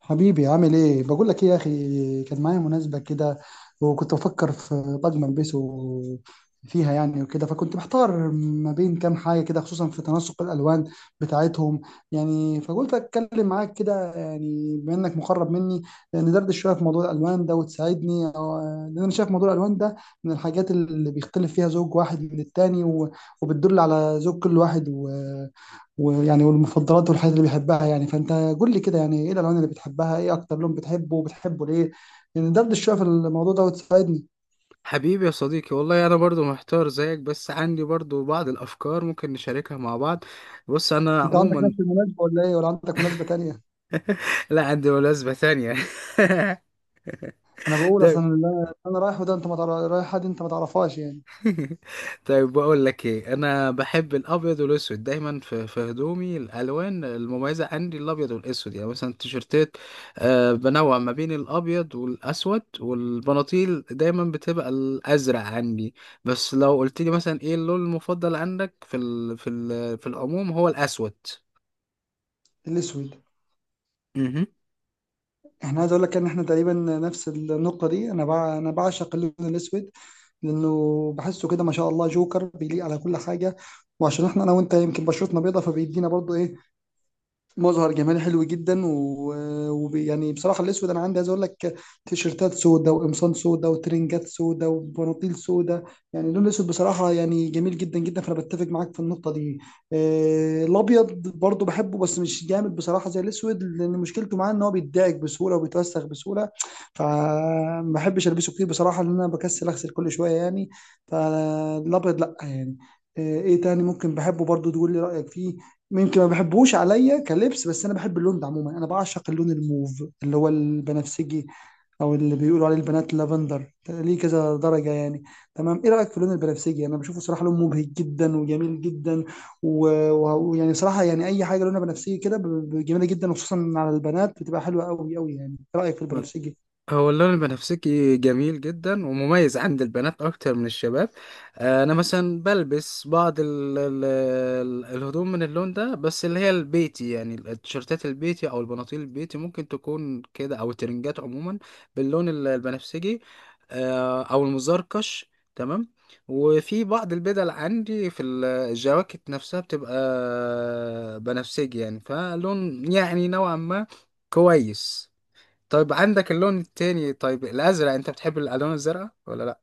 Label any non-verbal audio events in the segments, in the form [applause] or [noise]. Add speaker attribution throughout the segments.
Speaker 1: حبيبي، عامل ايه؟ بقول لك ايه يا اخي، كان معايا مناسبة كده وكنت بفكر في طقم البسه فيها يعني وكده، فكنت محتار ما بين كام حاجة كده، خصوصا في تناسق الالوان بتاعتهم. يعني فقلت اتكلم معاك كده، يعني بما انك مقرب مني، ندردش شوية في موضوع الالوان ده وتساعدني لان انا شايف موضوع الالوان ده من الحاجات اللي بيختلف فيها زوج واحد من التاني وبتدل على ذوق كل واحد ويعني والمفضلات والحاجات اللي بيحبها يعني. فانت قول لي كده، يعني ايه الالوان اللي بتحبها؟ ايه اكتر لون بتحبه وبتحبه ليه؟ يعني دردش شويه في الموضوع ده وتساعدني.
Speaker 2: حبيبي يا صديقي، والله انا برضو محتار زيك، بس عندي برضو بعض الافكار ممكن نشاركها مع بعض. بص انا
Speaker 1: انت عندك
Speaker 2: عموما
Speaker 1: نفس المناسبه ولا ايه؟ ولا عندك مناسبه تانية؟
Speaker 2: [laughs] لا، عندي مناسبة تانية.
Speaker 1: انا
Speaker 2: [laughs]
Speaker 1: بقول
Speaker 2: ده
Speaker 1: اصلا اللي أنا رايحه ده، انت ما تعرف، رايح حد انت ما تعرفهاش يعني.
Speaker 2: [laughs] طيب بقول لك ايه، انا بحب الابيض والاسود دايما في هدومي. الالوان المميزه عندي الابيض والاسود، يعني مثلا التيشيرتات بنوع ما بين الابيض والاسود، والبناطيل دايما بتبقى الازرق عندي. بس لو قلت لي مثلا ايه اللون المفضل عندك في في العموم، هو الاسود.
Speaker 1: الاسود،
Speaker 2: مهم.
Speaker 1: احنا عايز اقول لك ان احنا تقريبا نفس النقطه دي. انا بعشق اللون الاسود، لانه بحسه كده ما شاء الله جوكر بيليق على كل حاجه. وعشان احنا انا وانت يمكن بشرتنا بيضه، فبيدينا برضو ايه مظهر جمالي حلو جدا و- وبي يعني بصراحه الاسود انا عندي، عايز اقول لك، تيشيرتات سودا وقمصان سودا وترنجات سودا وبناطيل سودا. يعني اللون الاسود بصراحه يعني جميل جدا جدا، فانا بتفق معاك في النقطه دي. آه، الابيض برضو بحبه بس مش جامد بصراحه زي الاسود، لان مشكلته معاه ان هو بيتضايق بسهوله وبيتوسخ بسهوله، فما بحبش البسه كتير بصراحه، لان انا بكسل اغسل كل شويه يعني. فالابيض لا يعني. آه، ايه تاني ممكن بحبه برضو، تقول لي رايك فيه؟ يمكن ما بحبهوش عليا كلبس، بس انا بحب اللون ده عموما. انا بعشق اللون الموف اللي هو البنفسجي، او اللي بيقولوا عليه البنات لافندر، ليه كذا درجه يعني. تمام، ايه رايك في اللون البنفسجي؟ انا بشوفه صراحه لون مبهج جدا وجميل جدا ويعني صراحه، يعني اي حاجه لونها بنفسجي كده جميله جدا، وخصوصا على البنات بتبقى حلوه قوي قوي يعني. ايه رايك في البنفسجي؟
Speaker 2: هو اللون البنفسجي جميل جدا ومميز عند البنات اكتر من الشباب. انا مثلا بلبس بعض الهدوم من اللون ده، بس اللي هي البيتي، يعني التيشيرتات البيتي او البناطيل البيتي ممكن تكون كده، او الترنجات عموما باللون البنفسجي. او المزركش. تمام. وفي بعض البدل عندي في الجواكت نفسها بتبقى بنفسجي، يعني فلون يعني نوعا ما. كويس. طيب عندك اللون التاني، طيب الازرق، انت بتحب الالوان الزرقاء ولا لا؟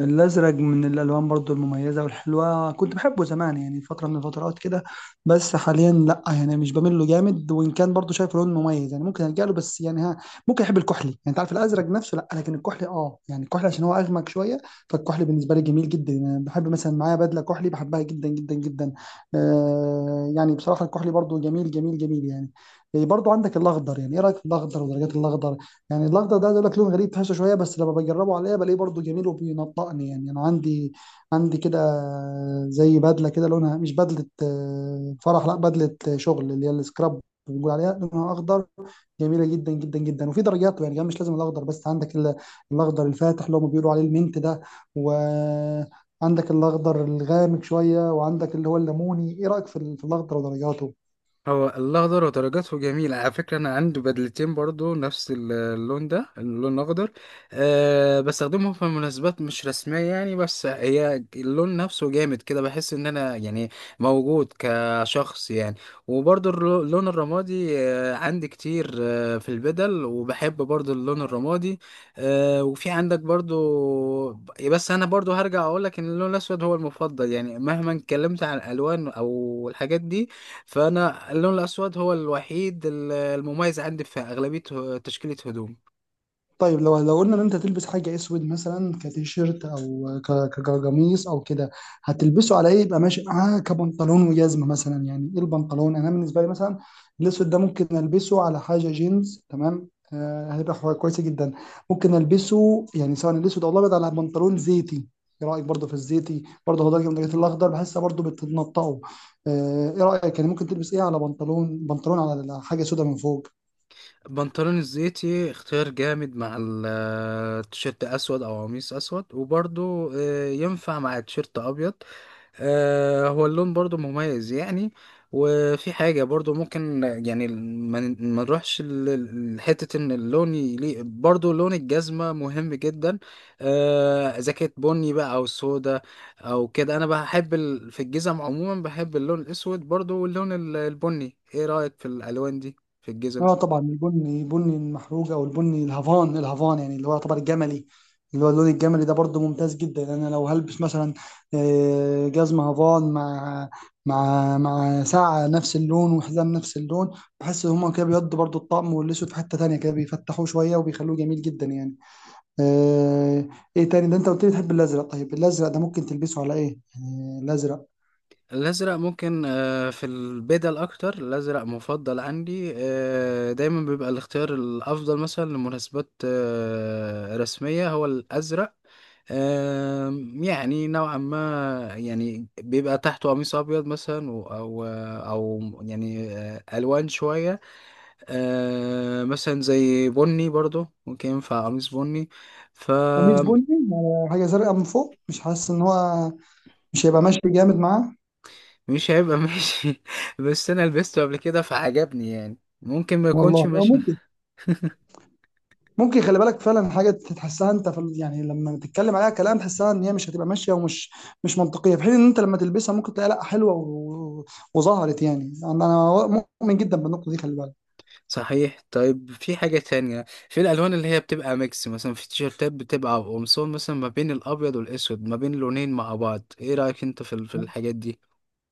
Speaker 1: الازرق من الالوان برضو المميزه والحلوه. كنت بحبه زمان يعني فتره من الفترات كده، بس حاليا لا يعني مش بميل له جامد، وان كان برضو شايف لون مميز يعني ممكن الجا له، بس يعني ها. ممكن احب الكحلي. يعني انت عارف، الازرق نفسه لا، لكن الكحلي اه يعني الكحلي، عشان هو اغمق شويه. فالكحلي بالنسبه لي جميل جدا. يعني بحب مثلا معايا بدله كحلي، بحبها جدا جدا جدا. آه يعني بصراحه الكحلي برضو جميل جميل جميل يعني. برضو عندك الاخضر. يعني ايه رايك في الاخضر ودرجات الاخضر؟ يعني الاخضر ده عايز اقول لك لون غريب تحسه شويه، بس لما بجربه عليا بلاقيه برضه جميل وبينطقني. يعني انا عندي كده، زي بدله كده لونها، مش بدله آه، فرح، لا، بدله آه، شغل، اللي هي السكراب، بنقول عليها لونها اخضر. جميله جدا جدا جدا. وفي درجاته يعني كمان، مش لازم الاخضر بس. عندك الاخضر الفاتح اللي هم بيقولوا عليه المنت ده، وعندك الاخضر الغامق شويه، وعندك اللي هو الليموني. ايه رايك في في الاخضر ودرجاته؟
Speaker 2: هو الاخضر ودرجاته جميله على فكره. انا عندي بدلتين برضو نفس اللون ده، اللون الاخضر. أه بستخدمهم في مناسبات مش رسميه يعني، بس هي اللون نفسه جامد كده، بحس ان انا يعني موجود كشخص يعني. وبرضو اللون الرمادي أه عندي كتير، أه في البدل، وبحب برضو اللون الرمادي. أه وفي عندك برضو. بس انا برضو هرجع اقولك ان اللون الاسود هو المفضل، يعني مهما اتكلمت عن الالوان او الحاجات دي، فانا اللون الاسود هو الوحيد المميز عندي في اغلبيه تشكيله هدوم.
Speaker 1: طيب، لو قلنا ان انت تلبس حاجه اسود، مثلا كتيشيرت او كقميص او كده، هتلبسه على ايه يبقى ماشي معاه كبنطلون وجزمه مثلا؟ يعني ايه البنطلون؟ انا بالنسبه لي مثلا الاسود ده ممكن البسه على حاجه جينز، تمام، هيبقى كويس جدا. ممكن البسه يعني سواء الاسود او الابيض على بنطلون زيتي. ايه رايك برضه في الزيتي؟ برضه هو درجه من درجات الاخضر بحسها، برضه بتنطقه. ايه رايك؟ يعني ممكن تلبس ايه على بنطلون على حاجه سودة من فوق؟
Speaker 2: البنطلون الزيتي اختيار جامد مع التيشيرت اسود او قميص اسود، وبرضه ينفع مع تيشيرت ابيض. هو اللون برضو مميز يعني. وفي حاجة برضو ممكن يعني ما نروحش لحتة ان اللون يليق، برضو لون الجزمة مهم جدا. اذا كانت بني بقى او سودا او كده. انا بحب في الجزم عموما بحب اللون الاسود برضو واللون البني. ايه رأيك في الالوان دي في الجزم؟
Speaker 1: اه طبعا، البني، البني المحروق او البني الهافان، الهافان يعني اللي هو يعتبر الجملي، اللي هو اللون الجملي ده، برضو ممتاز جدا. انا لو هلبس مثلا آه، جزمه هافان مع مع ساعه نفس اللون وحزام نفس اللون، بحس ان هما كده بيودوا برضو الطقم، والاسود في حته تانية كده بيفتحوه شويه وبيخلوه جميل جدا يعني. آه، ايه تاني ده؟ انت قلت لي تحب الازرق. طيب الازرق ده ممكن تلبسه على ايه؟ آه، الازرق
Speaker 2: الأزرق ممكن، في البدل أكتر الأزرق مفضل عندي. دايما بيبقى الاختيار الأفضل مثلا لمناسبات رسمية هو الأزرق. يعني نوعا ما يعني بيبقى تحته قميص أبيض مثلا، و- أو أو يعني ألوان شوية. مثلا زي بني، برضو ممكن ينفع قميص بني.
Speaker 1: قميص
Speaker 2: فمش
Speaker 1: بني على حاجه زرقاء من فوق؟ مش حاسس ان هو مش هيبقى ماشي جامد معاه.
Speaker 2: هيبقى ماشي. [laughs] بس أنا لبسته قبل كده فعجبني، يعني ممكن ما
Speaker 1: والله
Speaker 2: يكونش
Speaker 1: اه
Speaker 2: ماشي.
Speaker 1: ممكن، ممكن. خلي بالك، فعلا حاجه تحسها انت يعني لما تتكلم عليها كلام تحسها ان هي مش هتبقى ماشيه ومش مش منطقيه، في حين ان انت لما تلبسها ممكن تلاقي لا حلوه وظهرت يعني. انا مؤمن جدا بالنقطه دي، خلي بالك.
Speaker 2: صحيح. طيب في حاجة تانية في الألوان اللي هي بتبقى ميكس، مثلا في تيشيرتات بتبقى قمصان مثلا ما بين الأبيض والأسود، ما بين لونين مع بعض، إيه رأيك أنت في الحاجات دي؟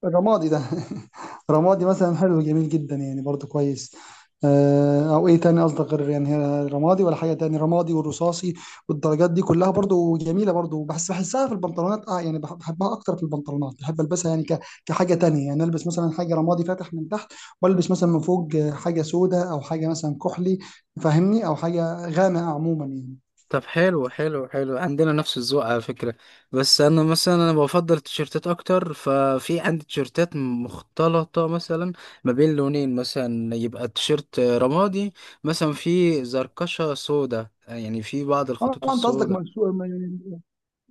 Speaker 1: الرمادي ده [laughs] رمادي مثلا حلو، جميل جدا يعني، برضو كويس. آه، او ايه تاني قصدك غير يعني هي رمادي؟ ولا حاجه تاني، رمادي والرصاصي والدرجات دي كلها برضو جميله. برضو بحسها في البنطلونات، اه يعني بحبها اكتر في البنطلونات، بحب البسها يعني كحاجه تانية. يعني البس مثلا حاجه رمادي فاتح من تحت، والبس مثلا من فوق آه، حاجه سوداء او حاجه مثلا كحلي، فاهمني، او حاجه غامقه عموما يعني.
Speaker 2: طب حلو، حلو حلو، عندنا نفس الذوق على فكرة. بس أنا مثلا، أنا بفضل التيشيرتات أكتر، ففي عندي تيشيرتات مختلطة مثلا ما بين لونين، مثلا يبقى التيشيرت رمادي مثلا في زركشة سودا، يعني في بعض
Speaker 1: اه
Speaker 2: الخطوط
Speaker 1: انت قصدك
Speaker 2: السودا.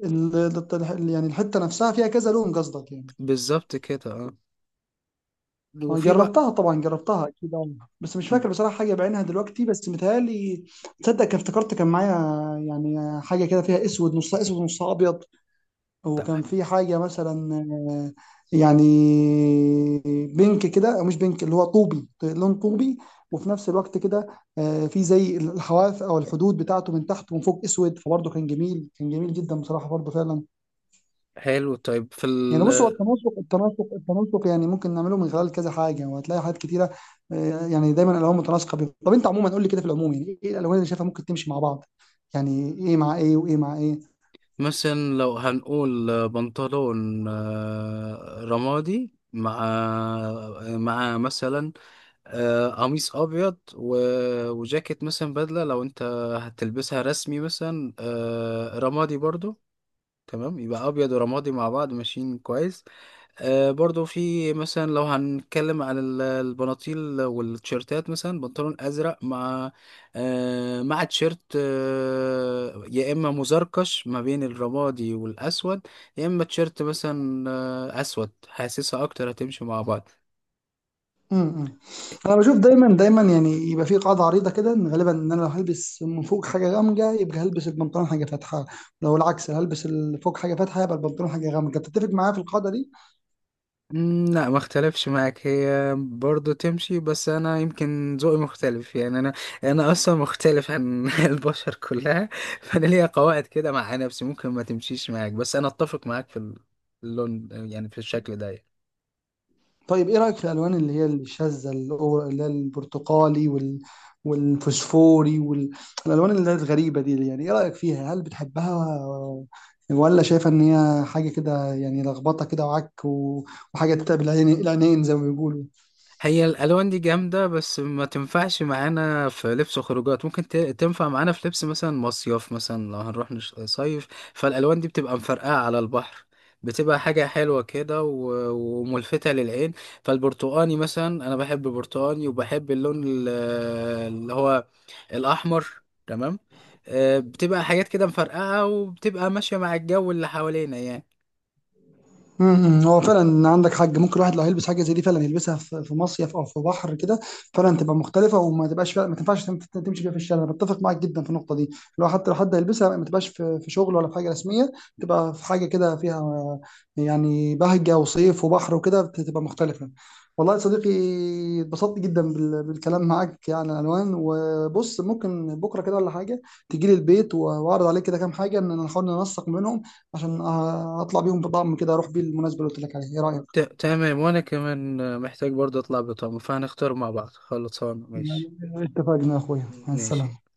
Speaker 1: يعني الحته نفسها فيها كذا لون قصدك يعني؟
Speaker 2: بالظبط كده، اه.
Speaker 1: أه،
Speaker 2: وفي بقى
Speaker 1: جربتها طبعا، جربتها اكيد أه. بس مش فاكر بصراحه حاجه بعينها دلوقتي، بس متهيألي تصدق كان افتكرت، كان معايا يعني حاجه كده فيها اسود، نصها اسود نصها ابيض،
Speaker 2: طب
Speaker 1: وكان في حاجه مثلا آه، يعني بينك كده، أو مش بينك، اللي هو طوبي، لون طوبي، وفي نفس الوقت كده آه، في زي الحواف او الحدود بتاعته من تحت ومن فوق اسود، فبرضه كان جميل، كان جميل جدا بصراحه برضه فعلا.
Speaker 2: حلو طيب في
Speaker 1: يعني بص، هو
Speaker 2: ال...
Speaker 1: التناسق، التناسق التناسق، يعني ممكن نعمله من خلال كذا حاجه، وهتلاقي حاجات كتيره. آه، يعني دايما الالوان متناسقه، طب انت عموما قول لي كده في العموم، يعني ايه الالوان اللي شايفها ممكن تمشي مع بعض؟ يعني ايه مع ايه وايه مع ايه؟
Speaker 2: مثلا لو هنقول بنطلون رمادي مع مع مثلا قميص ابيض و... وجاكيت مثلا بدله لو انت هتلبسها رسمي، مثلا رمادي برضو. تمام يبقى ابيض ورمادي مع بعض ماشيين كويس. برضو في مثلا لو هنتكلم على البناطيل والتيشيرتات، مثلا بنطلون ازرق مع مع تيشيرت يا اما مزركش ما بين الرمادي والاسود، يا اما تيشيرت مثلا اسود، حاسسها اكتر هتمشي مع بعض.
Speaker 1: امم انا بشوف دايما دايما يعني، يبقى في قاعده عريضه كده، ان غالبا، ان انا لو هلبس من فوق حاجه غامقه يبقى هلبس البنطلون حاجه فاتحه، لو العكس هلبس فوق حاجه فاتحه يبقى البنطلون حاجه غامقه. بتتفق معايا في القاعده دي؟
Speaker 2: لا، ما اختلفش معاك، هي برضه تمشي، بس انا يمكن ذوقي مختلف يعني. انا اصلا مختلف عن [laughs] البشر كلها، فانا ليا قواعد كده مع نفسي ممكن ما تمشيش معاك، بس انا اتفق معاك في اللون يعني في الشكل ده يعني.
Speaker 1: طيب، ايه رأيك في الالوان اللي هي الشاذة، اللي هي البرتقالي وال... والفوسفوري والالوان اللي هي الغريبة دي؟ يعني ايه رأيك فيها؟ هل بتحبها ولا شايفة ان هي حاجة كده يعني لخبطة كده وعك و... وحاجة تتعب العين العينين زي ما بيقولوا؟
Speaker 2: هي الالوان دي جامده، بس ما تنفعش معانا في لبس خروجات، ممكن تنفع معانا في لبس مثلا مصيف، مثلا لو هنروح صيف، فالالوان دي بتبقى مفرقعه على البحر، بتبقى حاجه حلوه كده و- وملفته للعين. فالبرتقاني مثلا انا بحب برتقاني، وبحب اللون اللي هو الاحمر. تمام. بتبقى حاجات كده مفرقعه وبتبقى ماشيه مع الجو اللي حوالينا يعني.
Speaker 1: هو فعلا عندك حاج، ممكن الواحد لو هيلبس حاجه زي دي فعلا يلبسها في مصيف او في بحر كده، فعلا تبقى مختلفه وما تبقاش، فعلا ما تنفعش تمشي بيها في الشارع. انا بتفق معاك جدا في النقطه دي. لو حتى لو حد هيلبسها ما تبقاش في شغل ولا في حاجه رسميه، تبقى في حاجه كده فيها يعني بهجه وصيف وبحر وكده تبقى مختلفه. والله يا صديقي اتبسطت جدا بالكلام معاك عن الالوان. وبص، ممكن بكره كده ولا حاجه تجي لي البيت، واعرض عليك كده كام حاجه ان نحاول ننسق منهم، عشان آه، اطلع بيهم بطعم كده اروح بيه المناسبة اللي قلت لك عليها. ايه رأيك؟
Speaker 2: تمام، وانا كمان محتاج برضه اطلع بطعم، فهنختار مع بعض، خلصان ماشي.
Speaker 1: اتفقنا يا اخويا، مع
Speaker 2: ماشي.
Speaker 1: السلامة.